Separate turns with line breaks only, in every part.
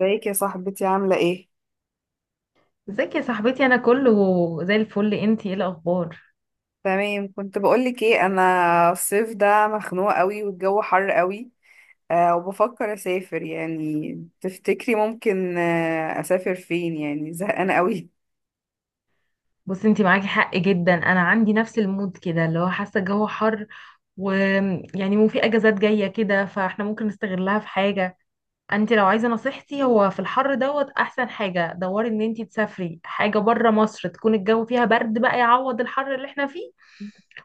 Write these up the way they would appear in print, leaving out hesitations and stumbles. ازيك يا صاحبتي، عاملة ايه؟
ازيك يا صاحبتي؟ انا كله زي الفل. انتي ايه الاخبار؟
تمام. كنت بقولك ايه، انا الصيف ده مخنوقة قوي والجو حر قوي. وبفكر اسافر، يعني تفتكري ممكن، اسافر فين؟ يعني زهقانة قوي.
بصي، انتي معاكي حق جدا. انا عندي نفس المود كده، اللي هو حاسه الجو حر، ويعني مو في اجازات جايه كده، فاحنا ممكن نستغلها في حاجه. انتي لو عايزه نصيحتي، هو في الحر دوت، احسن حاجه دوري ان انتي تسافري حاجه بره مصر، تكون الجو فيها برد بقى يعوض الحر اللي احنا فيه.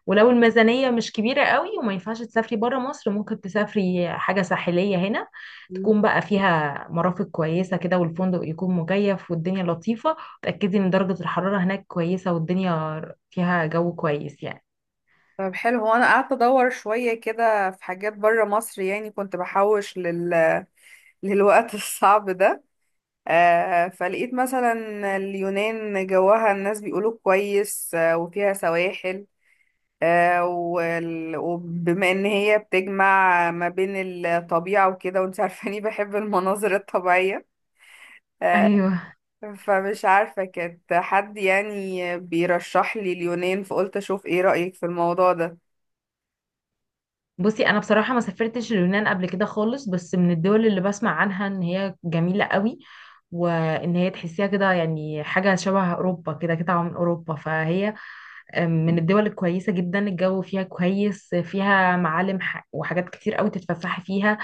ولو الميزانية مش كبيرة قوي وما ينفعش تسافري برا مصر، ممكن تسافري حاجة ساحلية هنا،
مم.
تكون بقى فيها مرافق كويسة كده، والفندق يكون مكيف والدنيا لطيفة. تأكدي ان درجة الحرارة هناك كويسة والدنيا فيها جو كويس يعني.
طب حلو. هو انا قعدت ادور شوية كده في حاجات بره مصر، يعني كنت بحوش للوقت الصعب ده. فلقيت مثلا اليونان جوها الناس بيقولوا كويس، وفيها سواحل، وبما ان هي بتجمع ما بين الطبيعة وكده، وانت عارفاني بحب المناظر الطبيعية. آه،
ايوه.
فمش عارفة، كانت حد يعني بيرشح لي اليونان، فقلت اشوف ايه رأيك في الموضوع ده.
بصي، انا بصراحة ما سافرتش اليونان قبل كده خالص، بس من الدول اللي بسمع عنها ان هي جميلة قوي، وان هي تحسيها كده يعني حاجة شبه اوروبا، كده كده من اوروبا. فهي من الدول الكويسة جدا، الجو فيها كويس، فيها معالم وحاجات كتير قوي تتفسحي فيها.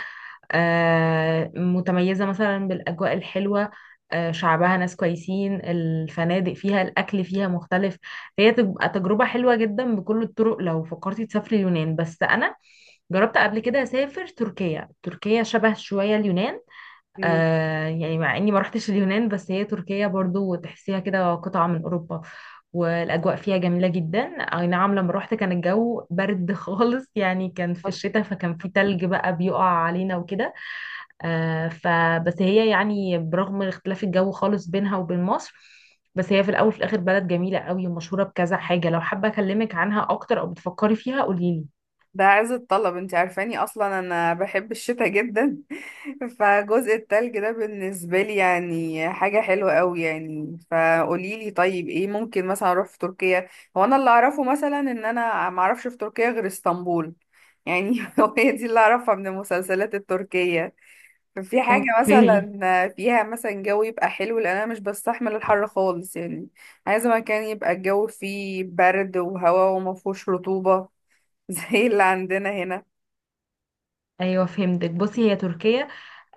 متميزة مثلا بالأجواء الحلوة. شعبها ناس كويسين، الفنادق فيها، الأكل فيها مختلف. هي تبقى تجربة حلوة جدا بكل الطرق لو فكرتي تسافري اليونان. بس أنا جربت قبل كده أسافر تركيا. تركيا شبه شوية اليونان.
مم.
يعني مع اني ما رحتش اليونان، بس هي تركيا برضو تحسيها كده قطعة من اوروبا، والاجواء فيها جميلة جدا. اي نعم لما رحت كان الجو برد خالص، يعني كان في الشتاء، فكان في تلج بقى بيقع علينا وكده. فبس هي يعني برغم اختلاف الجو خالص بينها وبين مصر، بس هي في الاول وفي الاخر بلد جميلة قوي ومشهورة بكذا حاجة. لو حابة اكلمك عنها اكتر او بتفكري فيها قوليلي.
ده عز الطلب، انت عارفاني اصلا انا بحب الشتاء جدا. فجزء التلج ده بالنسبة لي يعني حاجة حلوة قوي، يعني فقوليلي طيب ايه ممكن مثلا اروح في تركيا. هو انا اللي اعرفه مثلا ان انا معرفش في تركيا غير اسطنبول، يعني هو هي دي اللي اعرفها من المسلسلات التركية. ففي حاجة
اوكي.
مثلا فيها مثلا جو يبقى حلو، لان انا مش بستحمل الحر خالص يعني. عايزة مكان يبقى الجو فيه برد وهواء ومفهوش رطوبة، زي اللي عندنا هنا.
ايوه، فهمتك. بصي، هي تركيا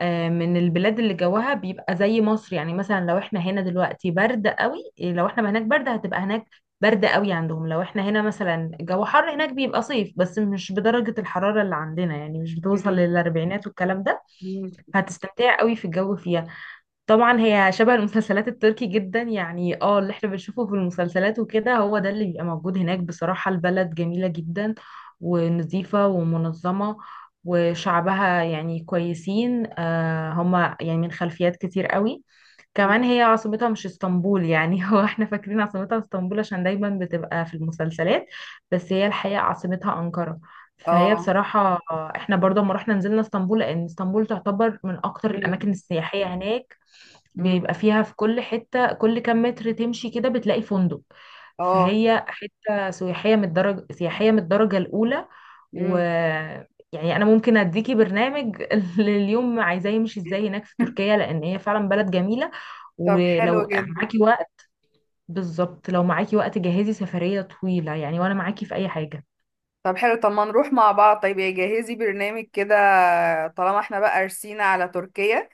من البلاد اللي جوها بيبقى زي مصر. يعني مثلا لو احنا هنا دلوقتي برد قوي، لو احنا هناك برد، هتبقى هناك برد قوي عندهم. لو احنا هنا مثلا جو حر، هناك بيبقى صيف، بس مش بدرجة الحرارة اللي عندنا، يعني مش بتوصل
مم.
للاربعينات والكلام ده.
مم.
هتستمتعي قوي في الجو فيها. طبعا هي شبه المسلسلات التركي جدا، يعني اللي احنا بنشوفه في المسلسلات وكده هو ده اللي بيبقى موجود هناك. بصراحة البلد جميلة جدا، ونظيفة ومنظمة، وشعبها يعني كويسين. هما يعني من خلفيات كتير قوي.
مم.
كمان هي عاصمتها مش اسطنبول يعني. هو احنا فاكرين عاصمتها اسطنبول عشان دايما بتبقى في المسلسلات، بس هي الحقيقة عاصمتها أنقرة. فهي
اه.
بصراحة، احنا برضه لما رحنا نزلنا اسطنبول، لأن اسطنبول تعتبر من أكتر
مم.
الأماكن السياحية هناك.
مم.
بيبقى فيها في كل حتة، كل كام متر تمشي كده بتلاقي فندق.
اه.
فهي حتة سياحية من الدرجة الأولى. و،
مم.
يعني أنا ممكن أديكي برنامج لليوم، عايزاه يمشي إزاي هناك في تركيا، لأن هي فعلا بلد جميلة.
طب حلو
ولو
جدا.
معاكي وقت، بالظبط لو معاكي وقت، جهزي سفرية طويلة يعني، وأنا معاكي في أي حاجة.
طب حلو، طب ما نروح مع بعض؟ طيب يا جهزي برنامج كده، طالما احنا بقى رسينا على تركيا.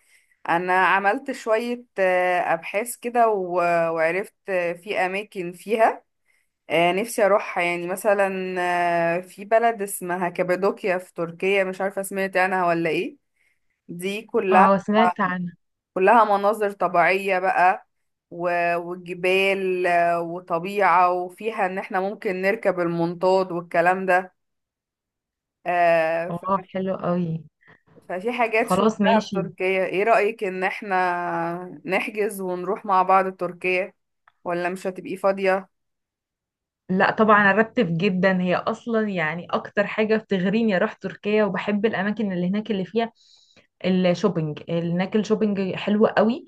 انا عملت شوية ابحاث كده وعرفت، في اماكن فيها نفسي اروحها، يعني مثلا في بلد اسمها كابادوكيا في تركيا. مش عارفة سمعت عنها ولا ايه؟ دي كلها
اه، سمعت عنها.
كلها مناظر طبيعية بقى، وجبال، وطبيعة، وفيها ان احنا ممكن نركب المنطاد والكلام ده. آه،
اه،
ف-
حلو قوي.
ففي حاجات
خلاص،
شفتها في
ماشي.
تركيا. ايه رأيك ان احنا نحجز ونروح مع بعض تركيا، ولا مش هتبقي فاضية؟
لا طبعا، ارتب جدا. هي اصلا يعني اكتر حاجه بتغريني اروح تركيا، وبحب الاماكن اللي هناك اللي فيها الشوبينج. هناك الشوبينج حلو قوي.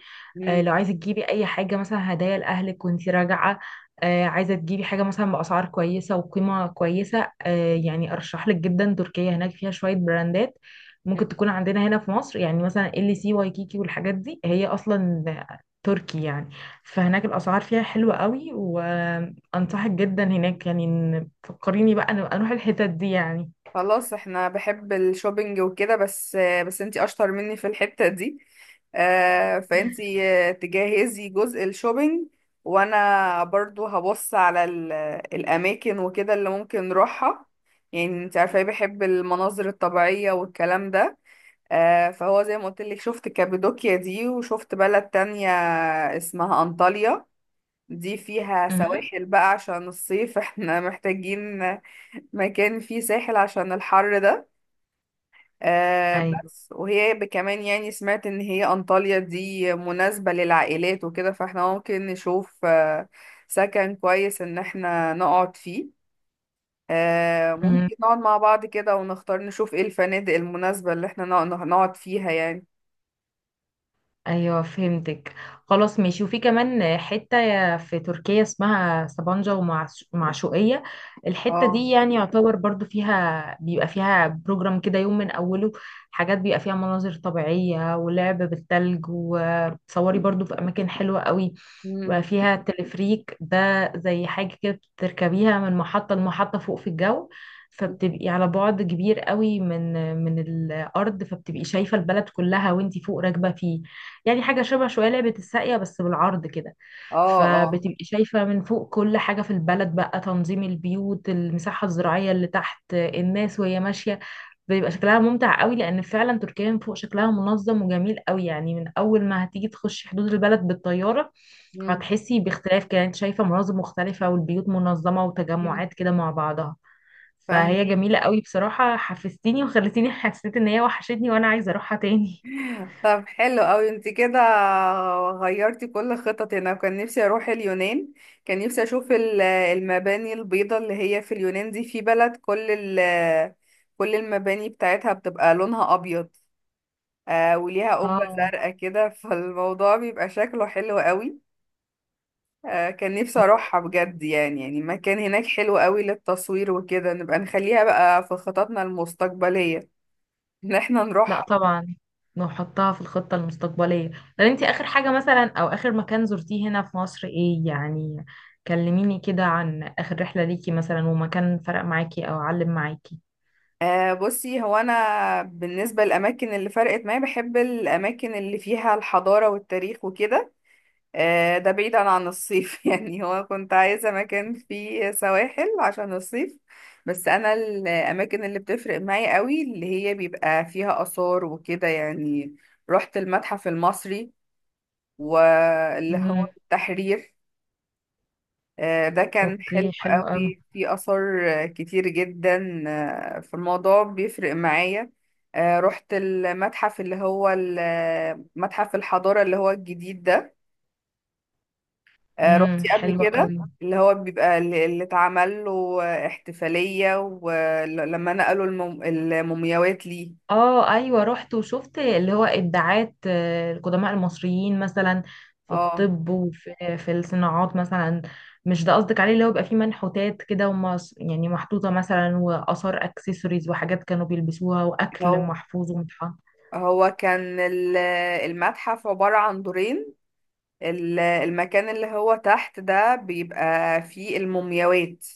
مم.
لو عايزه تجيبي اي حاجه مثلا هدايا لاهلك وانتي راجعه، عايزه تجيبي حاجه مثلا باسعار كويسه وقيمه كويسه، يعني ارشح لك جدا تركيا. هناك فيها شويه براندات ممكن تكون عندنا هنا في مصر، يعني مثلا ال سي وايكيكي والحاجات دي هي اصلا تركي يعني. فهناك الاسعار فيها حلوه قوي، و انصحك جدا هناك، يعني إن فكريني بقى أنا اروح الحتت دي يعني.
خلاص، احنا بحب الشوبينج وكده بس. بس انتي اشطر مني في الحتة دي، فانتي تجهزي جزء الشوبينج. وانا برضو هبص على الاماكن وكده اللي ممكن نروحها. يعني انت عارفة ايه، بحب المناظر الطبيعية والكلام ده. فهو زي ما قلت لك، شفت كابادوكيا دي وشفت بلد تانية اسمها انطاليا. دي فيها
امم.
سواحل بقى عشان الصيف، احنا محتاجين مكان فيه ساحل عشان الحر ده. آه
ايوه.
بس وهي كمان يعني سمعت ان هي انطاليا دي مناسبة للعائلات وكده، فاحنا ممكن نشوف سكن كويس ان احنا نقعد فيه.
مم.
ممكن نقعد مع بعض كده ونختار نشوف ايه الفنادق المناسبة اللي احنا نقعد فيها يعني.
ايوه، فهمتك. خلاص ماشي. وفي كمان حته في تركيا اسمها سبانجا ومعشوقيه. الحته
اه.
دي يعني يعتبر برضو فيها، بيبقى فيها بروجرام كده يوم من اوله، حاجات بيبقى فيها مناظر طبيعيه ولعب بالثلج. وتصوري برضو في اماكن حلوه قوي بقى
مم.
فيها تلفريك. ده زي حاجة كده بتركبيها من محطة لمحطة فوق في الجو، فبتبقي على بعد كبير قوي من الأرض، فبتبقي شايفة البلد كلها وانتي فوق راكبة فيه. يعني حاجة شبه شوية لعبة الساقية بس بالعرض كده.
اه. اه.
فبتبقي شايفة من فوق كل حاجة في البلد، بقى تنظيم البيوت، المساحة الزراعية اللي تحت، الناس وهي ماشية. بيبقى شكلها ممتع قوي، لان فعلا تركيا من فوق شكلها منظم وجميل قوي. يعني من اول ما هتيجي تخشي حدود البلد بالطياره
مم.
هتحسي باختلاف، كده انت شايفه مناظر مختلفه، والبيوت منظمه
مم.
وتجمعات كده مع بعضها. فهي
فاهمك.
جميله قوي بصراحه. حفزتيني وخلتيني حسيت ان هي وحشتني وانا عايزه اروحها تاني.
طب حلو قوي، انت كده غيرتي كل خططي. انا كان نفسي اروح اليونان، كان نفسي اشوف المباني البيضاء اللي هي في اليونان دي. في بلد كل المباني بتاعتها بتبقى لونها ابيض. وليها قبة
اه.
زرقاء كده، فالموضوع بيبقى شكله حلو قوي. كان نفسي اروحها بجد يعني، يعني مكان هناك حلو قوي للتصوير وكده. نبقى نخليها بقى في خططنا المستقبلية ان احنا
لا
نروح.
طبعا، نحطها في الخطة المستقبلية. طب انتي اخر حاجة مثلا، او اخر مكان زرتيه هنا في مصر ايه يعني؟ كلميني كده عن اخر رحلة ليكي مثلا، ومكان فرق معاكي او علم معاكي.
بصي هو انا بالنسبه للاماكن اللي فرقت معايا، بحب الاماكن اللي فيها الحضاره والتاريخ وكده. ده بعيدا عن الصيف، يعني هو كنت عايزه مكان فيه سواحل عشان الصيف. بس انا الاماكن اللي بتفرق معايا قوي اللي هي بيبقى فيها اثار وكده يعني. رحت المتحف المصري، واللي هو
امم.
التحرير. ده كان حلو
اوكي، حلو قوي.
قوي، في آثار كتير جدا، في الموضوع بيفرق معايا. رحت المتحف اللي هو متحف الحضارة اللي هو الجديد ده.
امم،
رحتي قبل
حلو
كده؟
قوي.
اللي هو بيبقى اللي اتعمل له احتفالية، ولما نقلوا المومياوات ليه.
اه، ايوه، رحت وشفت اللي هو ابداعات، القدماء المصريين مثلا في
اه.
الطب، وفي الصناعات مثلا. مش ده قصدك عليه اللي هو بيبقى فيه منحوتات كده، يعني محطوطه مثلا، واثار اكسسوارز وحاجات كانوا بيلبسوها واكل
هو
محفوظ ومتحف.
هو كان المتحف عبارة عن دورين. المكان اللي هو تحت ده بيبقى فيه المومياوات.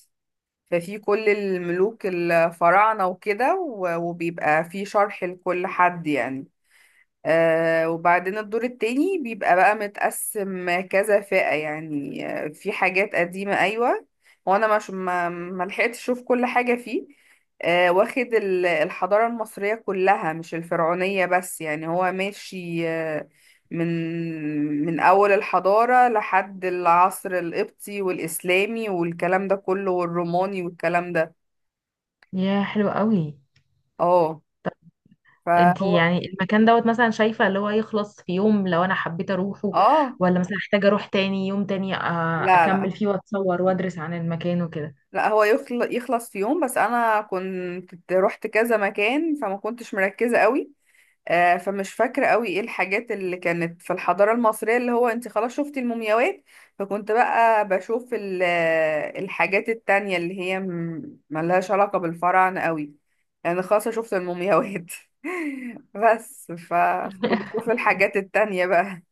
ففي كل الملوك الفراعنة وكده، وبيبقى في شرح لكل حد يعني. وبعدين الدور التاني بيبقى بقى متقسم كذا فئة يعني، في حاجات قديمة، أيوة، وأنا مش ما لحقتش أشوف كل حاجة فيه. واخد الحضارة المصرية كلها مش الفرعونية بس يعني، هو ماشي من من أول الحضارة لحد العصر القبطي والإسلامي والكلام ده كله، والروماني والكلام ده.
يا حلو قوي.
اه.
انتي
فهو.
يعني المكان دوت مثلا شايفه اللي هو يخلص في يوم لو انا حبيت اروحه،
اه.
ولا مثلا محتاجه اروح تاني يوم تاني،
لا،
اكمل
لا،
فيه واتصور وادرس عن المكان وكده؟
لا، هو يخلص في يوم، بس انا كنت رحت كذا مكان فما كنتش مركزة قوي. فمش فاكرة قوي ايه الحاجات اللي كانت في الحضارة المصرية اللي هو، انت خلاص شفتي المومياوات، فكنت بقى بشوف الحاجات التانية اللي هي ملهاش علاقة بالفراعنة قوي، يعني خلاص شفت المومياوات. بس فكنت بشوف الحاجات التانية بقى.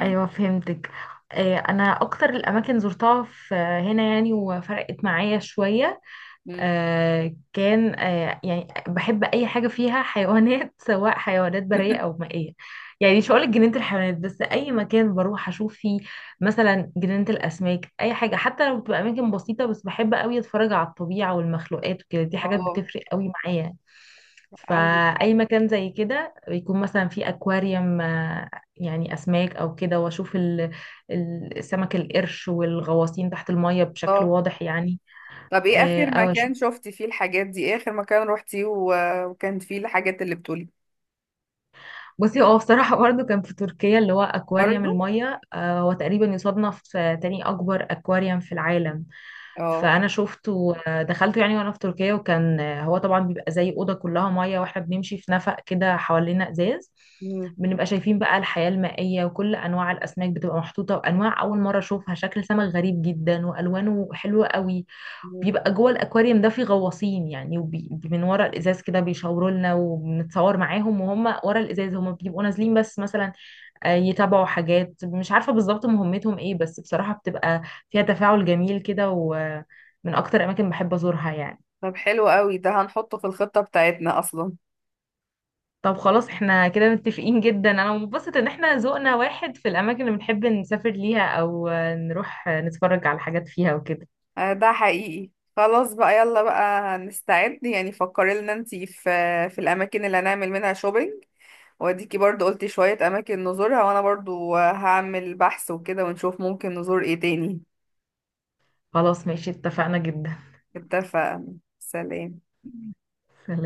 ايوه، فهمتك. انا اكتر الاماكن زرتها في هنا يعني وفرقت معايا شويه.
مم.
كان، يعني بحب اي حاجه فيها حيوانات سواء حيوانات بريه او مائيه. يعني مش هقولك جنينه الحيوانات بس، اي مكان بروح اشوف فيه مثلا جنينه الاسماك، اي حاجه حتى لو بتبقى اماكن بسيطه، بس بحب قوي اتفرج على الطبيعه والمخلوقات وكده. دي حاجات
اه.
بتفرق قوي معايا.
عندي.
فاي مكان زي كده بيكون مثلا فيه اكواريوم، يعني اسماك او كده، واشوف السمك القرش والغواصين تحت الميه بشكل واضح يعني.
طب ايه
آه،
اخر
او
مكان شفتي فيه الحاجات دي؟ ايه اخر مكان روحتيه وكان فيه الحاجات اللي بتقولي؟
بصي هو بصراحة برضه كان في تركيا اللي هو أكواريوم
برضو.
المية، هو تقريبا يصنف في تاني أكبر أكواريوم في العالم.
اه.
فأنا شفته، دخلته يعني وأنا في تركيا، وكان هو طبعا بيبقى زي أوضة كلها مية وإحنا بنمشي في نفق كده حوالينا إزاز.
مم.
بنبقى شايفين بقى الحياة المائية، وكل أنواع الأسماك بتبقى محطوطة، وأنواع أول مرة أشوفها، شكل سمك غريب جدا وألوانه حلوة قوي.
مم.
بيبقى جوه الاكواريوم ده في غواصين يعني، من ورا الازاز كده بيشاوروا لنا وبنتصور معاهم وهم ورا الازاز، هم بيبقوا نازلين بس مثلا يتابعوا حاجات مش عارفه بالظبط مهمتهم ايه، بس بصراحه بتبقى فيها تفاعل جميل كده، ومن اكتر اماكن بحب ازورها يعني.
طب حلو قوي، ده هنحطه في الخطة بتاعتنا اصلا.
طب خلاص احنا كده متفقين جدا. انا مبسوطه ان احنا ذوقنا واحد في الاماكن اللي بنحب نسافر ليها، او نروح نتفرج على حاجات فيها وكده.
ده حقيقي. خلاص بقى، يلا بقى نستعد. يعني فكري لنا انتي في الاماكن اللي هنعمل منها شوبينج، واديكي برضو قلتي شوية اماكن نزورها، وانا برضو هعمل بحث وكده، ونشوف ممكن نزور ايه تاني.
خلاص ماشي، اتفقنا جدا.
اتفق. سلام.
سلام.